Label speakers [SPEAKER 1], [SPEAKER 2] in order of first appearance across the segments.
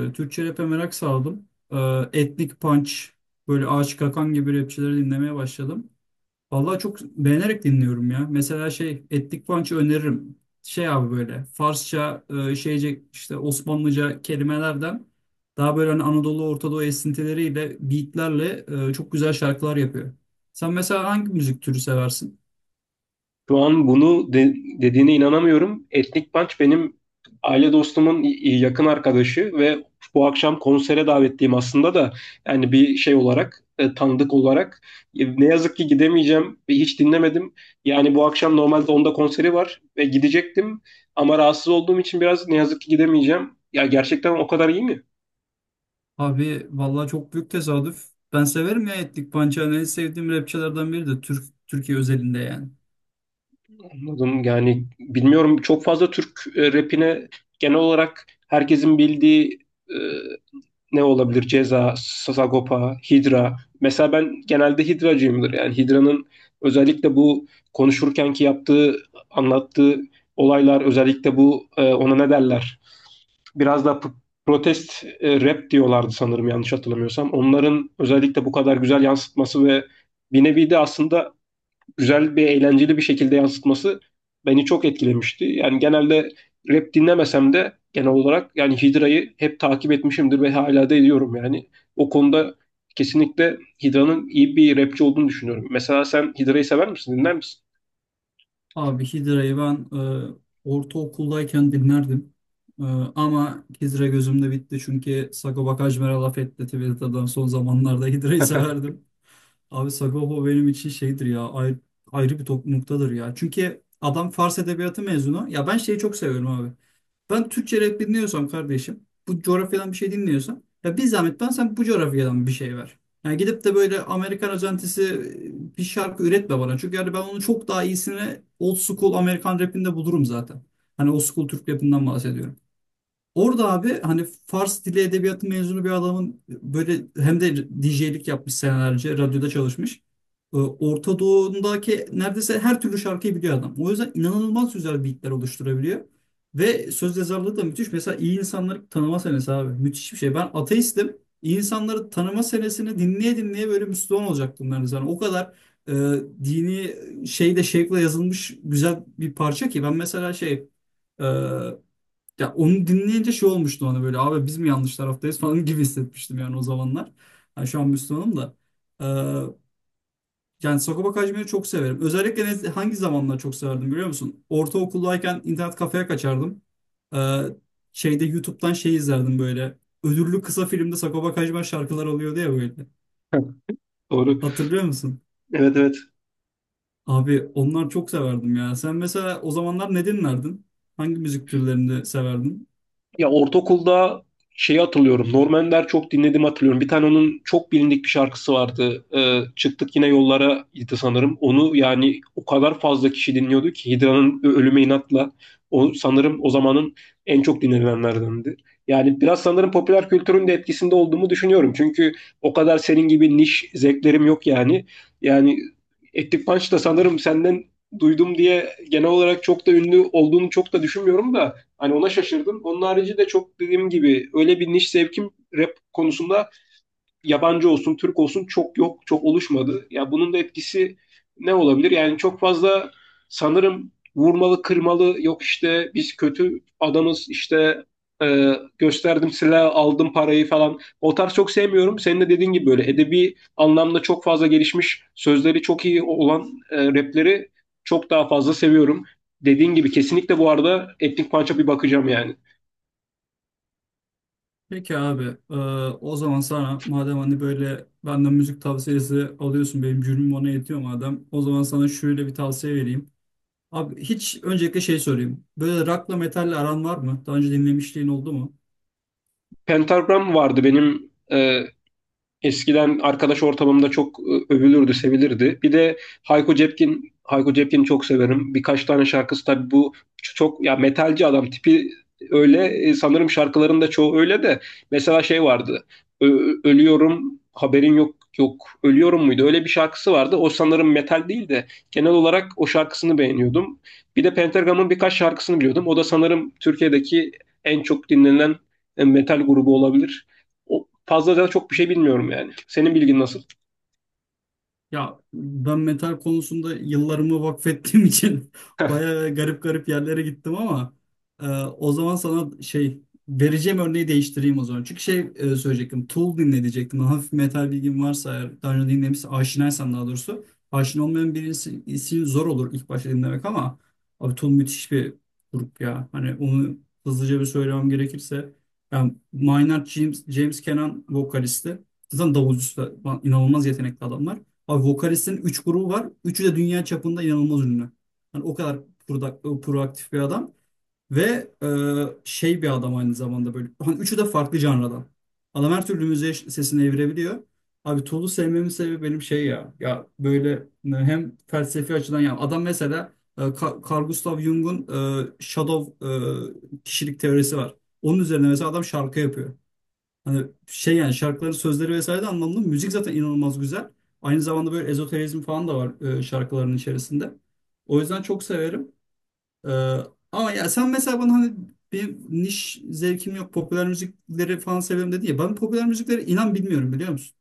[SPEAKER 1] Böyle Türkçe rap'e merak saldım. Etnik Punch, böyle Ağaç Kakan gibi rapçileri dinlemeye başladım. Vallahi çok beğenerek dinliyorum ya. Mesela şey Etnik Punch'ı öneririm. Şey abi böyle Farsça, şeyce işte Osmanlıca kelimelerden daha böyle hani Anadolu Orta Doğu esintileriyle, beatlerle çok güzel şarkılar yapıyor. Sen mesela hangi müzik türü seversin?
[SPEAKER 2] Şu an bunu dediğine inanamıyorum. Etnik Punch benim aile dostumun yakın arkadaşı ve bu akşam konsere davetliyim aslında da yani bir şey olarak tanıdık olarak. Ne yazık ki gidemeyeceğim ve hiç dinlemedim. Yani bu akşam normalde onda konseri var ve gidecektim ama rahatsız olduğum için biraz ne yazık ki gidemeyeceğim. Ya gerçekten o kadar iyi mi?
[SPEAKER 1] Abi vallahi çok büyük tesadüf. Ben severim ya Etnik Punch'ı. Hani en sevdiğim rapçilerden biri de Türkiye özelinde yani.
[SPEAKER 2] Anladım. Yani bilmiyorum, çok fazla Türk rapine genel olarak herkesin bildiği e, ne olabilir? Ceza, Sagopa, Hydra. Mesela ben genelde Hydra'cıyımdır. Yani Hydra'nın özellikle bu konuşurkenki yaptığı, anlattığı olaylar, özellikle bu, ona ne derler? Biraz da protest rap diyorlardı sanırım, yanlış hatırlamıyorsam. Onların özellikle bu kadar güzel yansıtması ve bir nevi de aslında güzel bir, eğlenceli bir şekilde yansıtması beni çok etkilemişti. Yani genelde rap dinlemesem de genel olarak yani Hidra'yı hep takip etmişimdir ve hala da ediyorum yani. O konuda kesinlikle Hidra'nın iyi bir rapçi olduğunu düşünüyorum. Mesela sen Hidra'yı sever misin? Dinler misin?
[SPEAKER 1] Abi Hidra'yı ben e, ortaokuldayken dinlerdim. E, ama Hidra gözümde bitti çünkü Sagopa Kajmer'e laf etti Twitter'dan son zamanlarda Hidra'yı severdim. Abi Sagopa benim için şeydir ya ayrı bir top noktadır ya. Çünkü adam Fars Edebiyatı mezunu. Ya ben şeyi çok seviyorum abi. Ben Türkçe rap dinliyorsam kardeşim, bu coğrafyadan bir şey dinliyorsam, ya bir zahmet sen bu coğrafyadan bir şey ver. Yani gidip de böyle Amerikan özentisi bir şarkı üretme bana. Çünkü yani ben onun çok daha iyisini old school Amerikan rapinde bulurum zaten. Hani old school Türk rapinden bahsediyorum. Orada abi hani Fars dili edebiyatı mezunu bir adamın böyle hem de DJ'lik yapmış senelerce radyoda çalışmış. Orta Doğu'ndaki neredeyse her türlü şarkıyı biliyor adam. O yüzden inanılmaz güzel beatler oluşturabiliyor. Ve söz yazarlığı da müthiş. Mesela İyi İnsanları tanıma senesi abi. Müthiş bir şey. Ben ateistim. İyi insanları tanıma senesini dinleye dinleye böyle Müslüman olacaktım neredeyse. Yani o kadar e, dini şeyde şevkle yazılmış güzel bir parça ki. Ben mesela şey... e, ya onu dinleyince şey olmuştu ona böyle abi biz mi yanlış taraftayız falan gibi hissetmiştim yani o zamanlar. Yani şu an Müslümanım da. Ee, yani Sagopa Kajmer'i çok severim. Özellikle hangi zamanlar çok severdim biliyor musun? Ortaokuldayken internet kafeye kaçardım. Ee, şeyde YouTube'dan şey izlerdim böyle. Ödüllü kısa filmde Sagopa Kajmer şarkılar oluyordu ya böyle.
[SPEAKER 2] Doğru.
[SPEAKER 1] Hatırlıyor musun?
[SPEAKER 2] Evet, evet.
[SPEAKER 1] Abi onlar çok severdim ya. Sen mesela o zamanlar ne dinlerdin? Hangi müzik türlerini severdin?
[SPEAKER 2] Ya ortaokulda şeyi hatırlıyorum. Norman Der çok dinlediğimi hatırlıyorum. Bir tane onun çok bilindik bir şarkısı vardı. Çıktık Yine Yollara idi sanırım. Onu yani o kadar fazla kişi dinliyordu ki, Hidra'nın Ölüme İnat'la o, sanırım o zamanın en çok dinlenenlerdendi. Yani biraz sanırım popüler kültürün de etkisinde olduğumu düşünüyorum. Çünkü o kadar senin gibi niş zevklerim yok yani. Yani Ettik Punch da sanırım senden duydum diye, genel olarak çok da ünlü olduğunu çok da düşünmüyorum da, hani ona şaşırdım. Onun harici de çok, dediğim gibi, öyle bir niş sevkim rap konusunda, yabancı olsun, Türk olsun, çok yok, çok oluşmadı. Ya bunun da etkisi ne olabilir? Yani çok fazla sanırım vurmalı, kırmalı, yok işte biz kötü adamız işte, e, gösterdim silah, aldım parayı falan. O tarz çok sevmiyorum. Senin de dediğin gibi böyle edebi anlamda çok fazla gelişmiş, sözleri çok iyi olan rapleri çok daha fazla seviyorum. Dediğin gibi kesinlikle bu arada Etnik Punch'a bir bakacağım yani.
[SPEAKER 1] Peki abi, e, o zaman sana madem hani böyle benden müzik tavsiyesi alıyorsun, benim gönlüm ona yetiyor madem, o zaman sana şöyle bir tavsiye vereyim. Abi hiç öncelikle şey sorayım. Böyle rock'la metalle aran var mı? Daha önce dinlemişliğin oldu mu?
[SPEAKER 2] Pentagram vardı benim, eskiden arkadaş ortamımda çok övülürdü, sevilirdi. Bir de Hayko Cepkin, Hayko Cepkin'i çok severim. Birkaç tane şarkısı tabii bu çok ya metalci adam tipi öyle. Sanırım şarkıların da çoğu öyle de mesela şey vardı. Ölüyorum haberin yok, yok ölüyorum muydu? Öyle bir şarkısı vardı. O sanırım metal değil de genel olarak o şarkısını beğeniyordum. Bir de Pentagram'ın birkaç şarkısını biliyordum. O da sanırım Türkiye'deki en çok dinlenen metal grubu olabilir. O, fazla da çok bir şey bilmiyorum yani. Senin bilgin nasıl?
[SPEAKER 1] Ya ben metal konusunda yıllarımı vakfettiğim için bayağı garip yerlere gittim ama o zaman sana şey vereceğim örneği değiştireyim o zaman. Çünkü şey söyleyecektim. Tool dinle. Hafif metal bilgin varsa eğer daha önce dinlemişse aşinaysan daha doğrusu. Aşina olmayan birisi için zor olur ilk başta dinlemek ama abi Tool müthiş bir grup ya. Hani onu hızlıca bir söylemem gerekirse. Yani Maynard James Kenan vokalisti. Zaten davulcusu da inanılmaz yetenekli adamlar. Abi vokalistin 3 grubu var. Üçü de dünya çapında inanılmaz ünlü. Yani o kadar proaktif bir adam. Ve şey bir adam aynı zamanda böyle. Hani üçü de farklı janradan. Adam her türlü müziğe sesini evirebiliyor. Abi Tool'u sevmemin sebebi benim şey ya. Ya böyle hem felsefi açıdan ya. Adam mesela Carl Gustav Jung'un Shadow kişilik teorisi var. Onun üzerine mesela adam şarkı yapıyor. Hani şey yani şarkıları sözleri vesaire de anlamlı. Müzik zaten inanılmaz güzel. Aynı zamanda böyle ezoterizm falan da var şarkıların içerisinde. O yüzden çok severim. E, ama ya sen mesela bana hani bir niş zevkim yok. Popüler müzikleri falan severim dedi ya. Ben popüler müzikleri inan bilmiyorum biliyor musun?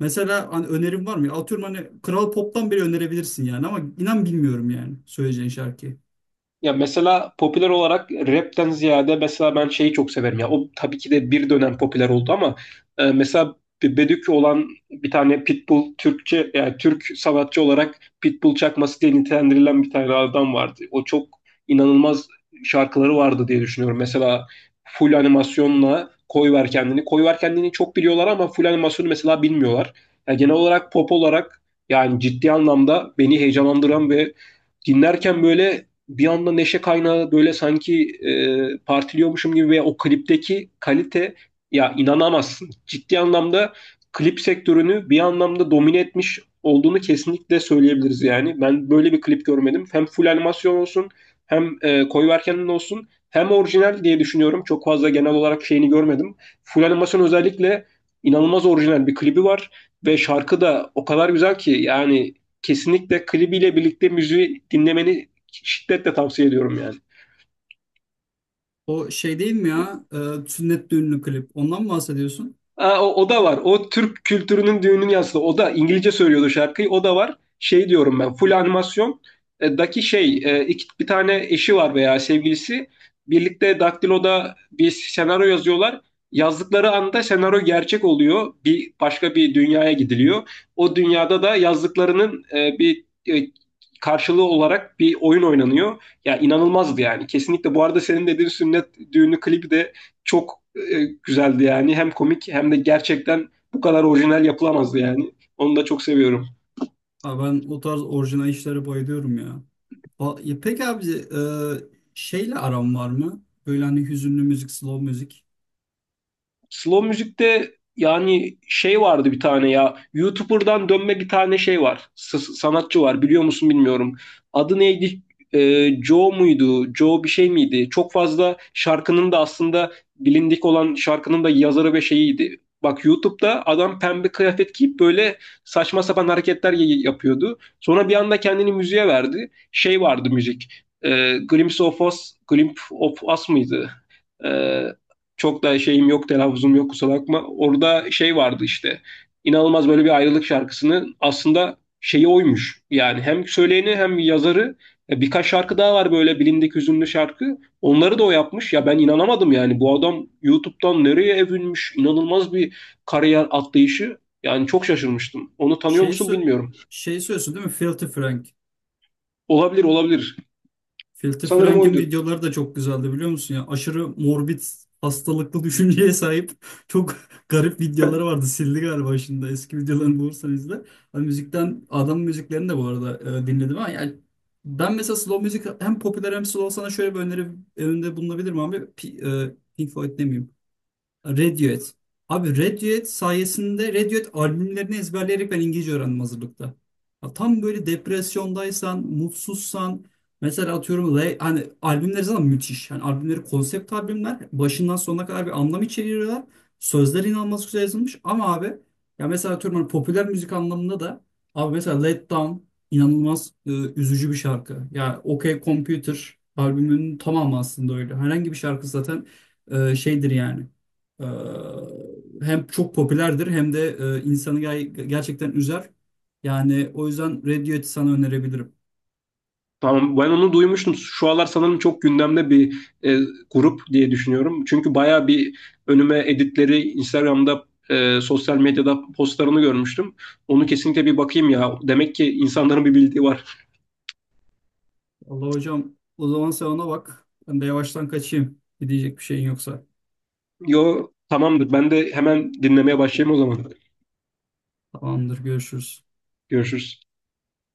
[SPEAKER 1] Mesela hani önerim var mı? Ya atıyorum hani Kral Pop'tan bile önerebilirsin yani ama inan bilmiyorum yani söyleyeceğin şarkıyı.
[SPEAKER 2] Ya mesela popüler olarak rapten ziyade mesela ben şeyi çok severim ya. O tabii ki de bir dönem popüler oldu ama mesela bir Bedük olan, bir tane Pitbull Türkçe, yani Türk sanatçı olarak Pitbull çakması diye nitelendirilen bir tane adam vardı. O çok inanılmaz şarkıları vardı diye düşünüyorum. Mesela full animasyonla Koy Ver Kendini. Koy Ver Kendini çok biliyorlar ama full animasyonu mesela bilmiyorlar. Yani genel olarak pop olarak, yani ciddi anlamda beni heyecanlandıran ve dinlerken böyle bir anda neşe kaynağı, böyle sanki partiliyormuşum gibi, ve o klipteki kalite ya, inanamazsın. Ciddi anlamda klip sektörünü bir anlamda domine etmiş olduğunu kesinlikle söyleyebiliriz yani. Ben böyle bir klip görmedim. Hem full animasyon olsun hem koyu olsun hem orijinal diye düşünüyorum. Çok fazla genel olarak şeyini görmedim. Full animasyon özellikle inanılmaz orijinal bir klibi var ve şarkı da o kadar güzel ki yani kesinlikle klibiyle birlikte müziği dinlemeni şiddetle tavsiye ediyorum yani.
[SPEAKER 1] O şey değil mi ya? E, sünnet düğünlü klip. Ondan mı bahsediyorsun?
[SPEAKER 2] Aa, o, o da var. O Türk kültürünün düğünün yansıdı. O da İngilizce söylüyordu şarkıyı. O da var. Şey diyorum ben. Full animasyon daki şey, bir tane eşi var veya sevgilisi. Birlikte Daktilo'da bir senaryo yazıyorlar. Yazdıkları anda senaryo gerçek oluyor. Bir başka bir dünyaya gidiliyor. O dünyada da yazdıklarının bir karşılığı olarak bir oyun oynanıyor. Ya inanılmazdı yani. Kesinlikle bu arada senin dediğin sünnet düğünü klibi de çok güzeldi yani. Hem komik hem de gerçekten bu kadar orijinal yapılamazdı yani. Onu da çok seviyorum.
[SPEAKER 1] Abi ben o tarz orijinal işlere bayılıyorum ya. O, ya peki abi şeyle aram var mı? Böyle hani hüzünlü müzik, slow müzik.
[SPEAKER 2] Slow müzikte yani şey vardı bir tane ya. YouTuber'dan dönme bir tane şey var. Sanatçı var. Biliyor musun bilmiyorum. Adı neydi? Joe muydu? Joe bir şey miydi? Çok fazla şarkının da aslında, bilindik olan şarkının da yazarı ve şeyiydi. Bak, YouTube'da adam pembe kıyafet giyip böyle saçma sapan hareketler yapıyordu. Sonra bir anda kendini müziğe verdi. Şey vardı müzik. Glimpse of Us, Glimpse of Us mıydı? Ee, Çok da şeyim yok, telaffuzum yok, kusura bakma. Orada şey vardı işte. İnanılmaz, böyle bir ayrılık şarkısının aslında şeyi oymuş. Yani hem söyleyeni hem yazarı. Birkaç şarkı daha var böyle bilindik hüzünlü şarkı. Onları da o yapmış. Ya ben inanamadım yani. Bu adam YouTube'dan nereye evrilmiş? İnanılmaz bir kariyer atlayışı. Yani çok şaşırmıştım. Onu tanıyor
[SPEAKER 1] Şey,
[SPEAKER 2] musun
[SPEAKER 1] sö-
[SPEAKER 2] bilmiyorum.
[SPEAKER 1] şey söylüyorsun değil mi? Filthy Frank.
[SPEAKER 2] Olabilir, olabilir.
[SPEAKER 1] Filthy
[SPEAKER 2] Sanırım
[SPEAKER 1] Frank'in
[SPEAKER 2] oydu.
[SPEAKER 1] videoları da çok güzeldi biliyor musun? Ya aşırı morbid, hastalıklı düşünceye sahip çok garip videoları vardı. Sildi galiba şimdi. Eski videolarını bulursan izle. Hani müzikten, adam müziklerini de bu arada dinledim ama yani ben mesela slow müzik hem popüler hem slow sana şöyle bir öneri önünde bulunabilirim abi. Pink Floyd demeyeyim. Radiohead. Abi Radiohead sayesinde Radiohead albümlerini ezberleyerek ben İngilizce öğrendim hazırlıkta. Ya tam böyle depresyondaysan, mutsuzsan mesela atıyorum hani albümleri zaten müthiş. Yani albümleri konsept albümler başından sonuna kadar bir anlam içeriyorlar. Sözler inanılmaz güzel yazılmış ama abi ya mesela atıyorum hani popüler müzik anlamında da abi mesela Let Down inanılmaz üzücü bir şarkı. Yani OK Computer albümünün tamamı aslında öyle. Herhangi bir şarkı zaten şeydir yani. Ee, hem çok popülerdir hem de gerçekten üzer. Yani o yüzden Radiohead'i sana önerebilirim.
[SPEAKER 2] Tamam, ben onu duymuştum. Şu aralar sanırım çok gündemde bir grup diye düşünüyorum. Çünkü baya bir önüme editleri Instagram'da, sosyal medyada postlarını görmüştüm. Onu kesinlikle bir bakayım ya. Demek ki insanların bir bildiği var.
[SPEAKER 1] Allah hocam o zaman sen ona bak. Ben de yavaştan kaçayım. Gidecek bir şeyin yoksa.
[SPEAKER 2] Yo, tamamdır. Ben de hemen dinlemeye başlayayım o zaman.
[SPEAKER 1] Tamamdır görüşürüz.
[SPEAKER 2] Görüşürüz.